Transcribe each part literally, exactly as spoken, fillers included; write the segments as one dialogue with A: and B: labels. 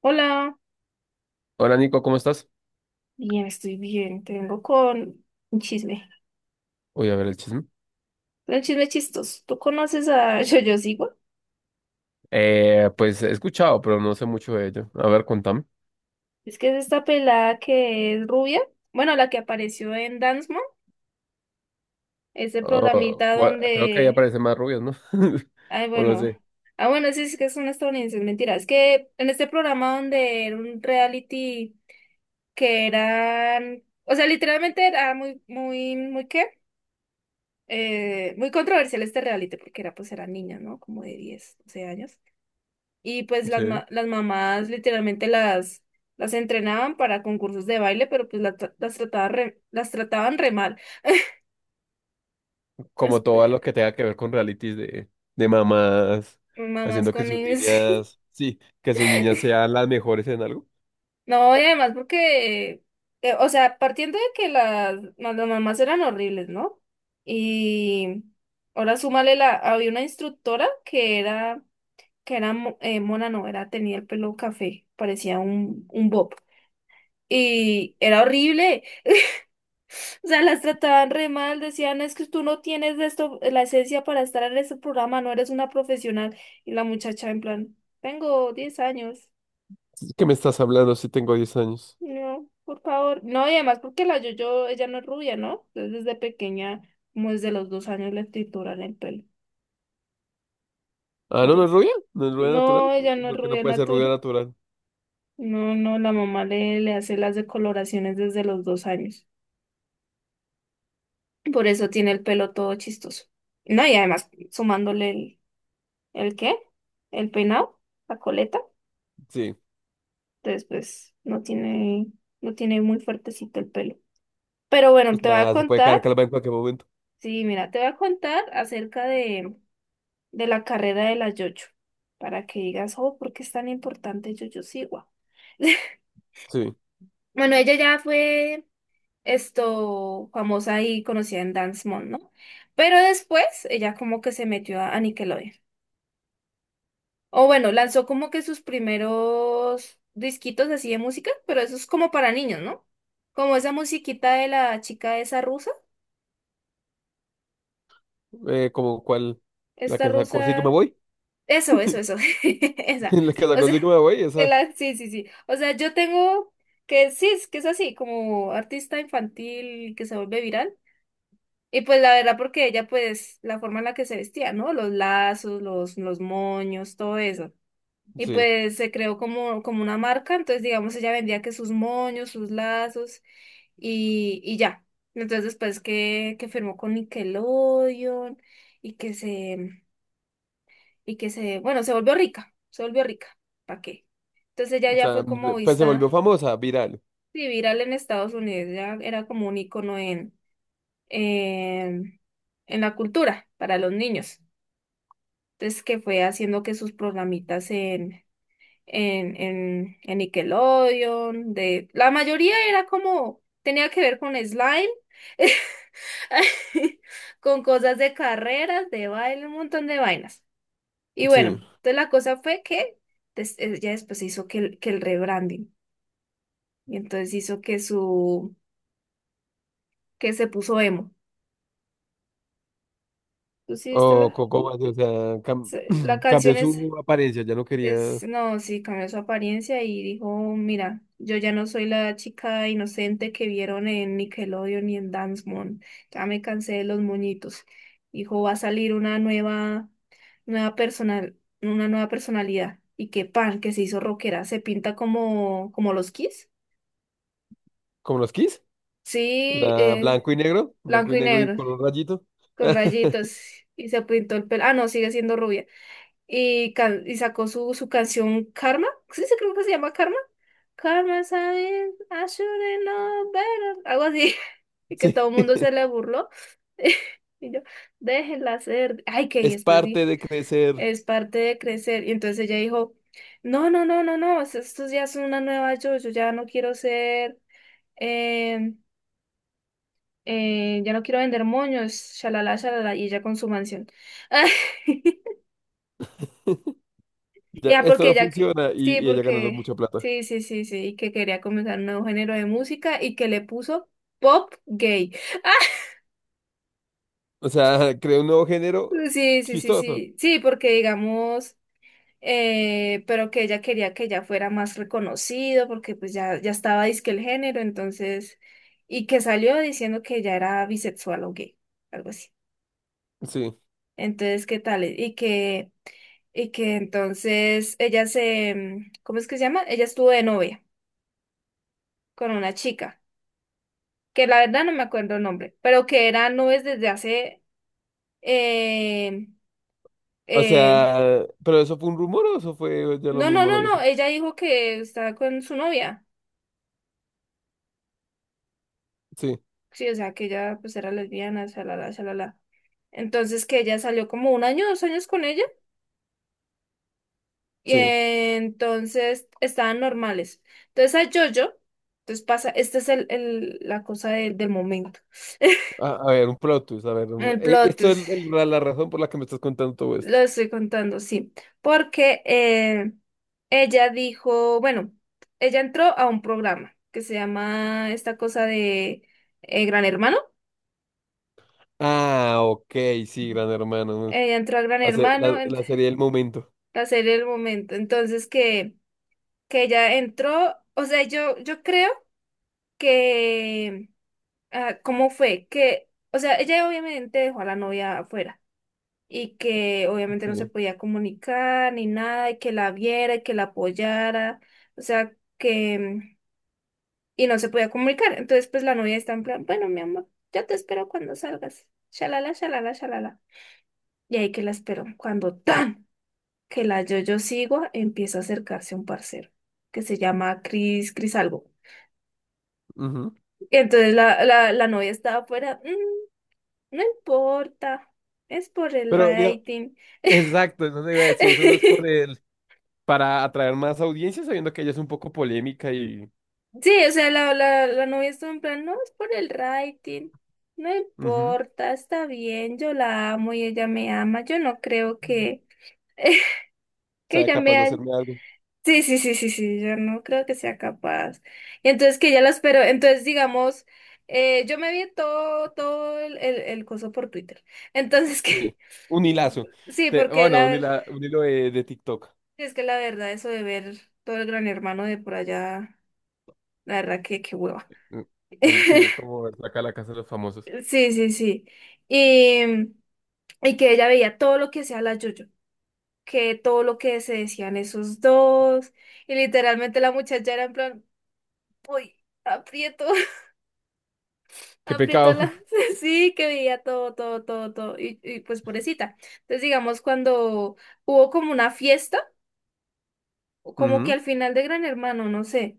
A: Hola,
B: Hola Nico, ¿cómo estás?
A: bien, estoy bien. Te vengo con un chisme.
B: Voy a ver el chisme.
A: Un chisme chistoso. ¿Tú conoces a Yo-Yo Siwa?
B: Eh, pues he escuchado, pero no sé mucho de ello. A ver, contame.
A: Es que es esta pelada que es rubia. Bueno, la que apareció en Dance Mom. Ese
B: Oh,
A: programita
B: gua- creo que ahí
A: donde...
B: aparecen más rubios, ¿no?
A: Ay,
B: O lo
A: bueno.
B: sé.
A: Ah, bueno, sí, es que son estadounidenses. Mentira. Es que en este programa donde era un reality que eran, o sea, literalmente era muy, muy, muy qué, eh, muy controversial este reality porque era, pues, eran niñas, ¿no? Como de diez, doce años. Y pues las,
B: Sí.
A: ma- las mamás literalmente las, las entrenaban para concursos de baile, pero pues la tra- las, trataban re, las trataban re mal.
B: Como
A: Es-
B: todo
A: eh,
B: lo que tenga que ver con realities de, de mamás,
A: Mamás
B: haciendo que
A: con
B: sus
A: ellos.
B: niñas, sí, que sus niñas sean las mejores en algo.
A: No, y además porque, eh, o sea, partiendo de que las, las mamás eran horribles, ¿no? Y ahora súmale la, había una instructora que era, que era mo- eh, mona, no, era, tenía el pelo café, parecía un, un bob. Y era horrible. O sea, las trataban re mal, decían, es que tú no tienes de esto, eh, la esencia para estar en este programa, no eres una profesional. Y la muchacha en plan, tengo diez años.
B: ¿Qué me estás hablando si tengo diez años?
A: No, por favor. No, y además porque la Yoyo, ella no es rubia, ¿no? Entonces desde pequeña, como desde los dos años le trituran el pelo,
B: Ah,
A: por
B: no, no es
A: eso.
B: rubia, no es rubia
A: No,
B: natural.
A: ella no es
B: ¿Por qué no
A: rubia
B: puede ser rubia
A: natural.
B: natural?
A: No, no, la mamá le, le hace las decoloraciones desde los dos años. Por eso tiene el pelo todo chistoso. No, y además sumándole el... ¿El qué? El peinado, la coleta.
B: Sí.
A: Entonces, pues no tiene, no tiene muy fuertecito el pelo. Pero bueno,
B: O
A: te voy a
B: sea, se puede
A: contar,
B: caer calva en cualquier momento.
A: sí, mira, te voy a contar acerca de, de la carrera de la Yoyo, para que digas, oh, ¿por qué es tan importante Yoyo Siwa?
B: Sí.
A: Bueno, ella ya fue esto famosa y conocida en Dance Mom, ¿no? Pero después ella como que se metió a a Nickelodeon. O bueno, lanzó como que sus primeros disquitos así de música, pero eso es como para niños, ¿no? Como esa musiquita de la chica esa rusa,
B: Eh, como cuál, la
A: esta
B: que sacó, sí que me
A: rusa,
B: voy.
A: eso, eso, eso, esa.
B: En la que
A: O
B: sacó
A: sea,
B: Sigma, güey,
A: de
B: esa,
A: la- sí, sí, sí. O sea, yo tengo que, sí, es que es así, como artista infantil que se vuelve viral. Y pues la verdad, porque ella, pues, la forma en la que se vestía, ¿no? Los lazos, los, los moños, todo eso. Y
B: sí.
A: pues se creó como, como una marca, entonces digamos ella vendía que sus moños, sus lazos y, y ya. Entonces después que, que firmó con Nickelodeon y que se, y que se, bueno, se volvió rica, se volvió rica, ¿para qué? Entonces ella
B: O
A: ya
B: sea,
A: fue como
B: pues se volvió
A: vista,
B: famosa, viral.
A: sí, viral en Estados Unidos, ya era como un icono en, en, en la cultura para los niños. Entonces que fue haciendo que sus programitas en en, en, en Nickelodeon, de la mayoría era como, tenía que ver con slime, con cosas de carreras, de baile, un montón de vainas. Y bueno,
B: Sí.
A: entonces la cosa fue que des- eh, ya después se hizo que el, que el rebranding, y entonces hizo que su, que se puso emo. ¿Tú sí
B: O
A: viste la,
B: Coco Base, o sea, cam-
A: se- la
B: cambió
A: canción es...
B: su apariencia, ya no quería
A: Es, no, sí, cambió su apariencia y dijo, mira, yo ya no soy la chica inocente que vieron en Nickelodeon y en Dance Moon, ya me cansé de los moñitos. Dijo, va a salir una nueva, nueva personal, una nueva personalidad. Y que pan, que se hizo rockera, se pinta como, como los Kiss.
B: como los Kiss.
A: Sí,
B: O sea,
A: eh,
B: blanco y negro, blanco
A: blanco
B: y
A: y
B: negro y
A: negro,
B: color rayito.
A: con rayitos, y se pintó el pelo. Ah, no, sigue siendo rubia. Y, can- y sacó su, su canción Karma. Sí, sí, creo que se llama Karma. Karma, ¿sabes? I should've known better. Algo así. Y que
B: Sí,
A: todo el mundo se le burló. Y yo, déjenla ser. Ay, que y
B: es
A: después
B: parte
A: dije,
B: de crecer.
A: es parte de crecer. Y entonces ella dijo, no, no, no, no, no, es- esto ya es una nueva yo. Yo ya no quiero ser, eh, eh, ya no quiero vender moños, shalala, shalala. Y ella con su mansión.
B: Ya,
A: Ya,
B: esto
A: porque
B: no
A: ya, que-
B: funciona y,
A: sí,
B: y ella ganando
A: porque,
B: mucha plata.
A: sí, sí, sí, sí, que quería comenzar un nuevo género de música y que le puso pop gay.
B: O sea, creó un nuevo género
A: Sí, sí, sí,
B: chistoso.
A: sí, sí, porque digamos, eh, pero que ella quería que ya fuera más reconocido, porque pues ya, ya estaba disque el género, entonces, y que salió diciendo que ya era bisexual o gay, algo así.
B: Sí.
A: Entonces, ¿qué tal? Y que, y que entonces ella se, mm, ¿cómo es que se llama? Ella estuvo de novia con una chica. Que la verdad no me acuerdo el nombre, pero que era nubes desde hace... eh,
B: O
A: eh,
B: sea, pero eso fue un rumor o eso fue, ya lo
A: no, no,
B: mismo lo
A: no, no,
B: dijo.
A: ella dijo que estaba con su novia.
B: Sí,
A: Sí, o sea, que ella pues era lesbiana, shalala, shalala. Entonces que ella salió como un año, dos años con ella y
B: sí.
A: eh, entonces estaban normales. Entonces a Jojo, entonces pasa, esta es el, el- la cosa del del momento,
B: A, a ver, un plot twist, a ver. un-
A: el
B: eh,
A: plot
B: Esto es
A: twist.
B: el- la, la razón por la que me estás contando todo
A: Lo
B: esto.
A: estoy contando, sí, porque eh, ella dijo, bueno, ella entró a un programa que se llama esta cosa de eh, Gran Hermano.
B: Ah, ok, sí, Gran Hermano. Mm,
A: Ella entró a Gran
B: La, se-
A: Hermano,
B: la-
A: en
B: la serie del momento.
A: la serie del momento. Entonces que, que ella entró, o sea, yo, yo creo que, ah, ¿cómo fue? Que, o sea, ella obviamente dejó a la novia afuera. Y que obviamente no se
B: Sí.
A: podía comunicar ni nada, y que la viera y que la apoyara, o sea, que, y no se podía comunicar. Entonces, pues la novia está en plan, bueno, mi amor, yo te espero cuando salgas. Shalala, shalala, shalala. Y ahí que la espero, cuando tan que la yo-yo sigo, empieza a acercarse un parcero que se llama Cris, Cris algo.
B: Ujú.
A: Y entonces la, la, la novia estaba afuera, "Mm, no importa, es por el
B: Pero, digo
A: rating."
B: exacto, eso te iba a decir, eso no es por el, para atraer más audiencia, sabiendo que ella es un poco polémica y
A: Sí, o sea, la, la, la novia estuvo en plan, no, es por el rating, no
B: ujú,
A: importa, está bien, yo la amo y ella me ama, yo no creo que, que
B: sea
A: ella
B: capaz
A: me
B: de
A: ha-
B: hacerme algo.
A: Sí, sí, sí, sí, sí, yo no creo que sea capaz. Y entonces que ella la esperó, entonces digamos, eh, yo me vi todo, todo el, el, el coso por Twitter. Entonces que,
B: Sí. Un hilazo.
A: sí,
B: Te-
A: porque
B: bueno,
A: la
B: un,
A: verdad,
B: hila- un hilo de, de TikTok.
A: es que la verdad, eso de ver todo el Gran Hermano de por allá, la verdad que qué hueva.
B: Mm, el- sí, es como sacar la casa de los famosos.
A: Sí, sí, sí. Y, mm, y que ella veía todo lo que hacía la Yoyo, que todo lo que se decían esos dos. Y literalmente la muchacha era en plan, uy, aprieto,
B: Qué
A: aprieto
B: pecado.
A: la. Sí, que veía todo, todo, todo, todo. Y, y pues pobrecita. Entonces, digamos, cuando hubo como una fiesta. O como que
B: Ujú.
A: al final de Gran Hermano, no sé.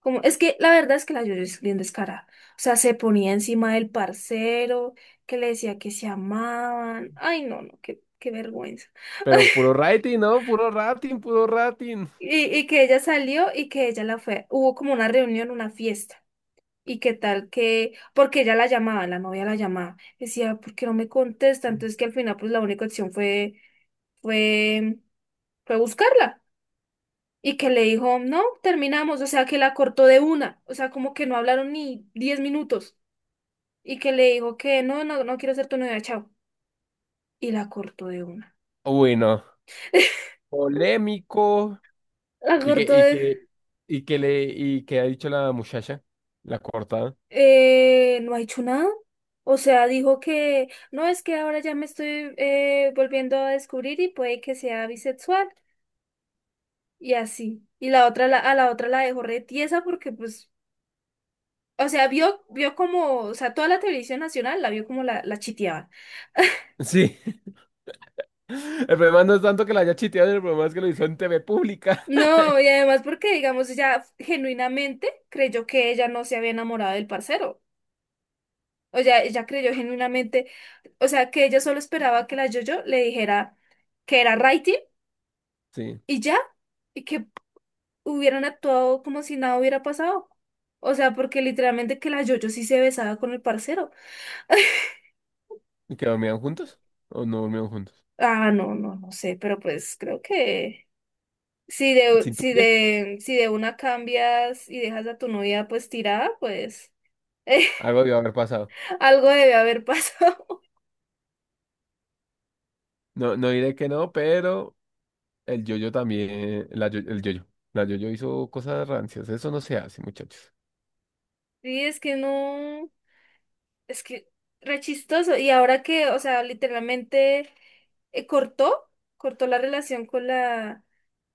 A: Como, es que la verdad es que la Yoyo es bien descarada. O sea, se ponía encima del parcero, que le decía que se amaban. Ay, no, no, qué, qué vergüenza.
B: Pero puro rating, ¿no? Puro rating, puro rating.
A: Y, y que ella salió y que ella la fue. Hubo como una reunión, una fiesta. Y qué tal que, porque ella la llamaba, la novia la llamaba. Decía, ¿por qué no me contesta? Entonces que al final, pues la única opción fue, fue, fue buscarla. Y que le dijo, no, terminamos, o sea, que la cortó de una, o sea, como que no hablaron ni diez minutos. Y que le dijo que no, no, no quiero ser tu novia, chao. Y la cortó de una.
B: Bueno, polémico.
A: La
B: Y que,
A: cortó
B: y
A: de...
B: que, y que le, y que ha dicho la muchacha, la cortada.
A: eh, no ha hecho nada. O sea, dijo que no, es que ahora ya me estoy eh, volviendo a descubrir y puede que sea bisexual. Y así. Y la otra, la, a la otra la dejó re tiesa porque pues, o sea, vio, vio como, o sea, toda la televisión nacional la vio como la, la chiteaban.
B: Sí. El problema no es tanto que la haya chiteado, el problema es que lo hizo en T V pública.
A: No, y además porque, digamos, ella genuinamente creyó que ella no se había enamorado del parcero. O sea, ella creyó genuinamente, o sea, que ella solo esperaba que la Jojo le dijera que era Righty
B: Sí.
A: y ya, y que hubieran actuado como si nada hubiera pasado. O sea, porque literalmente que la Jojo sí se besaba con el parcero.
B: ¿Y que dormían juntos? ¿O no dormían juntos?
A: Ah, no, no, no sé, pero pues creo que si de,
B: ¿Se
A: si
B: intuye?
A: de, si de una cambias y dejas a tu novia pues tirada, pues...
B: Algo debió haber pasado.
A: Algo debe haber pasado.
B: No, no diré que no, pero el yoyo también, la yo- el yoyo. La yoyo hizo cosas rancias. Eso no se hace, muchachos.
A: Sí, es que no, es que re chistoso. Y ahora que, o sea, literalmente eh, cortó, cortó la relación con la,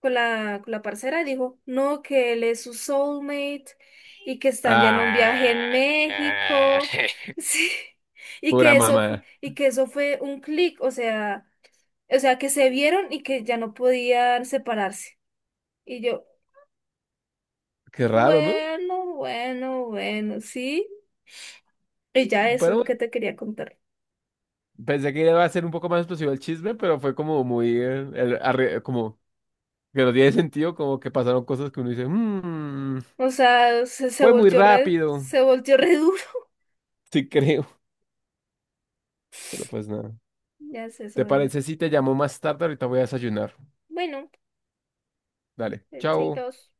A: con la, con la parcera, dijo, no, que él es su soulmate y que están ya en un viaje en
B: Ah.
A: México. Sí. Y
B: Pura
A: que eso fue,
B: mamá.
A: y que eso fue un clic, o sea, o sea, que se vieron y que ya no podían separarse. Y yo,
B: Qué raro, ¿no?
A: bueno, bueno, bueno, sí. Y ya eso es
B: Pero
A: lo
B: bueno,
A: que te quería contar.
B: pensé que iba a ser un poco más explosivo el chisme, pero fue como muy, eh, el- arre- como que no tiene sentido, como que pasaron cosas que uno dice, "Mm,
A: O sea, se, se
B: fue muy
A: volteó re,
B: rápido,
A: se volteó re duro.
B: sí creo, pero pues nada".
A: Ya es eso,
B: ¿Te
A: bebé.
B: parece si te llamo más tarde? Ahorita voy a desayunar.
A: Bueno,
B: Dale,
A: eh,
B: chao.
A: chaitos.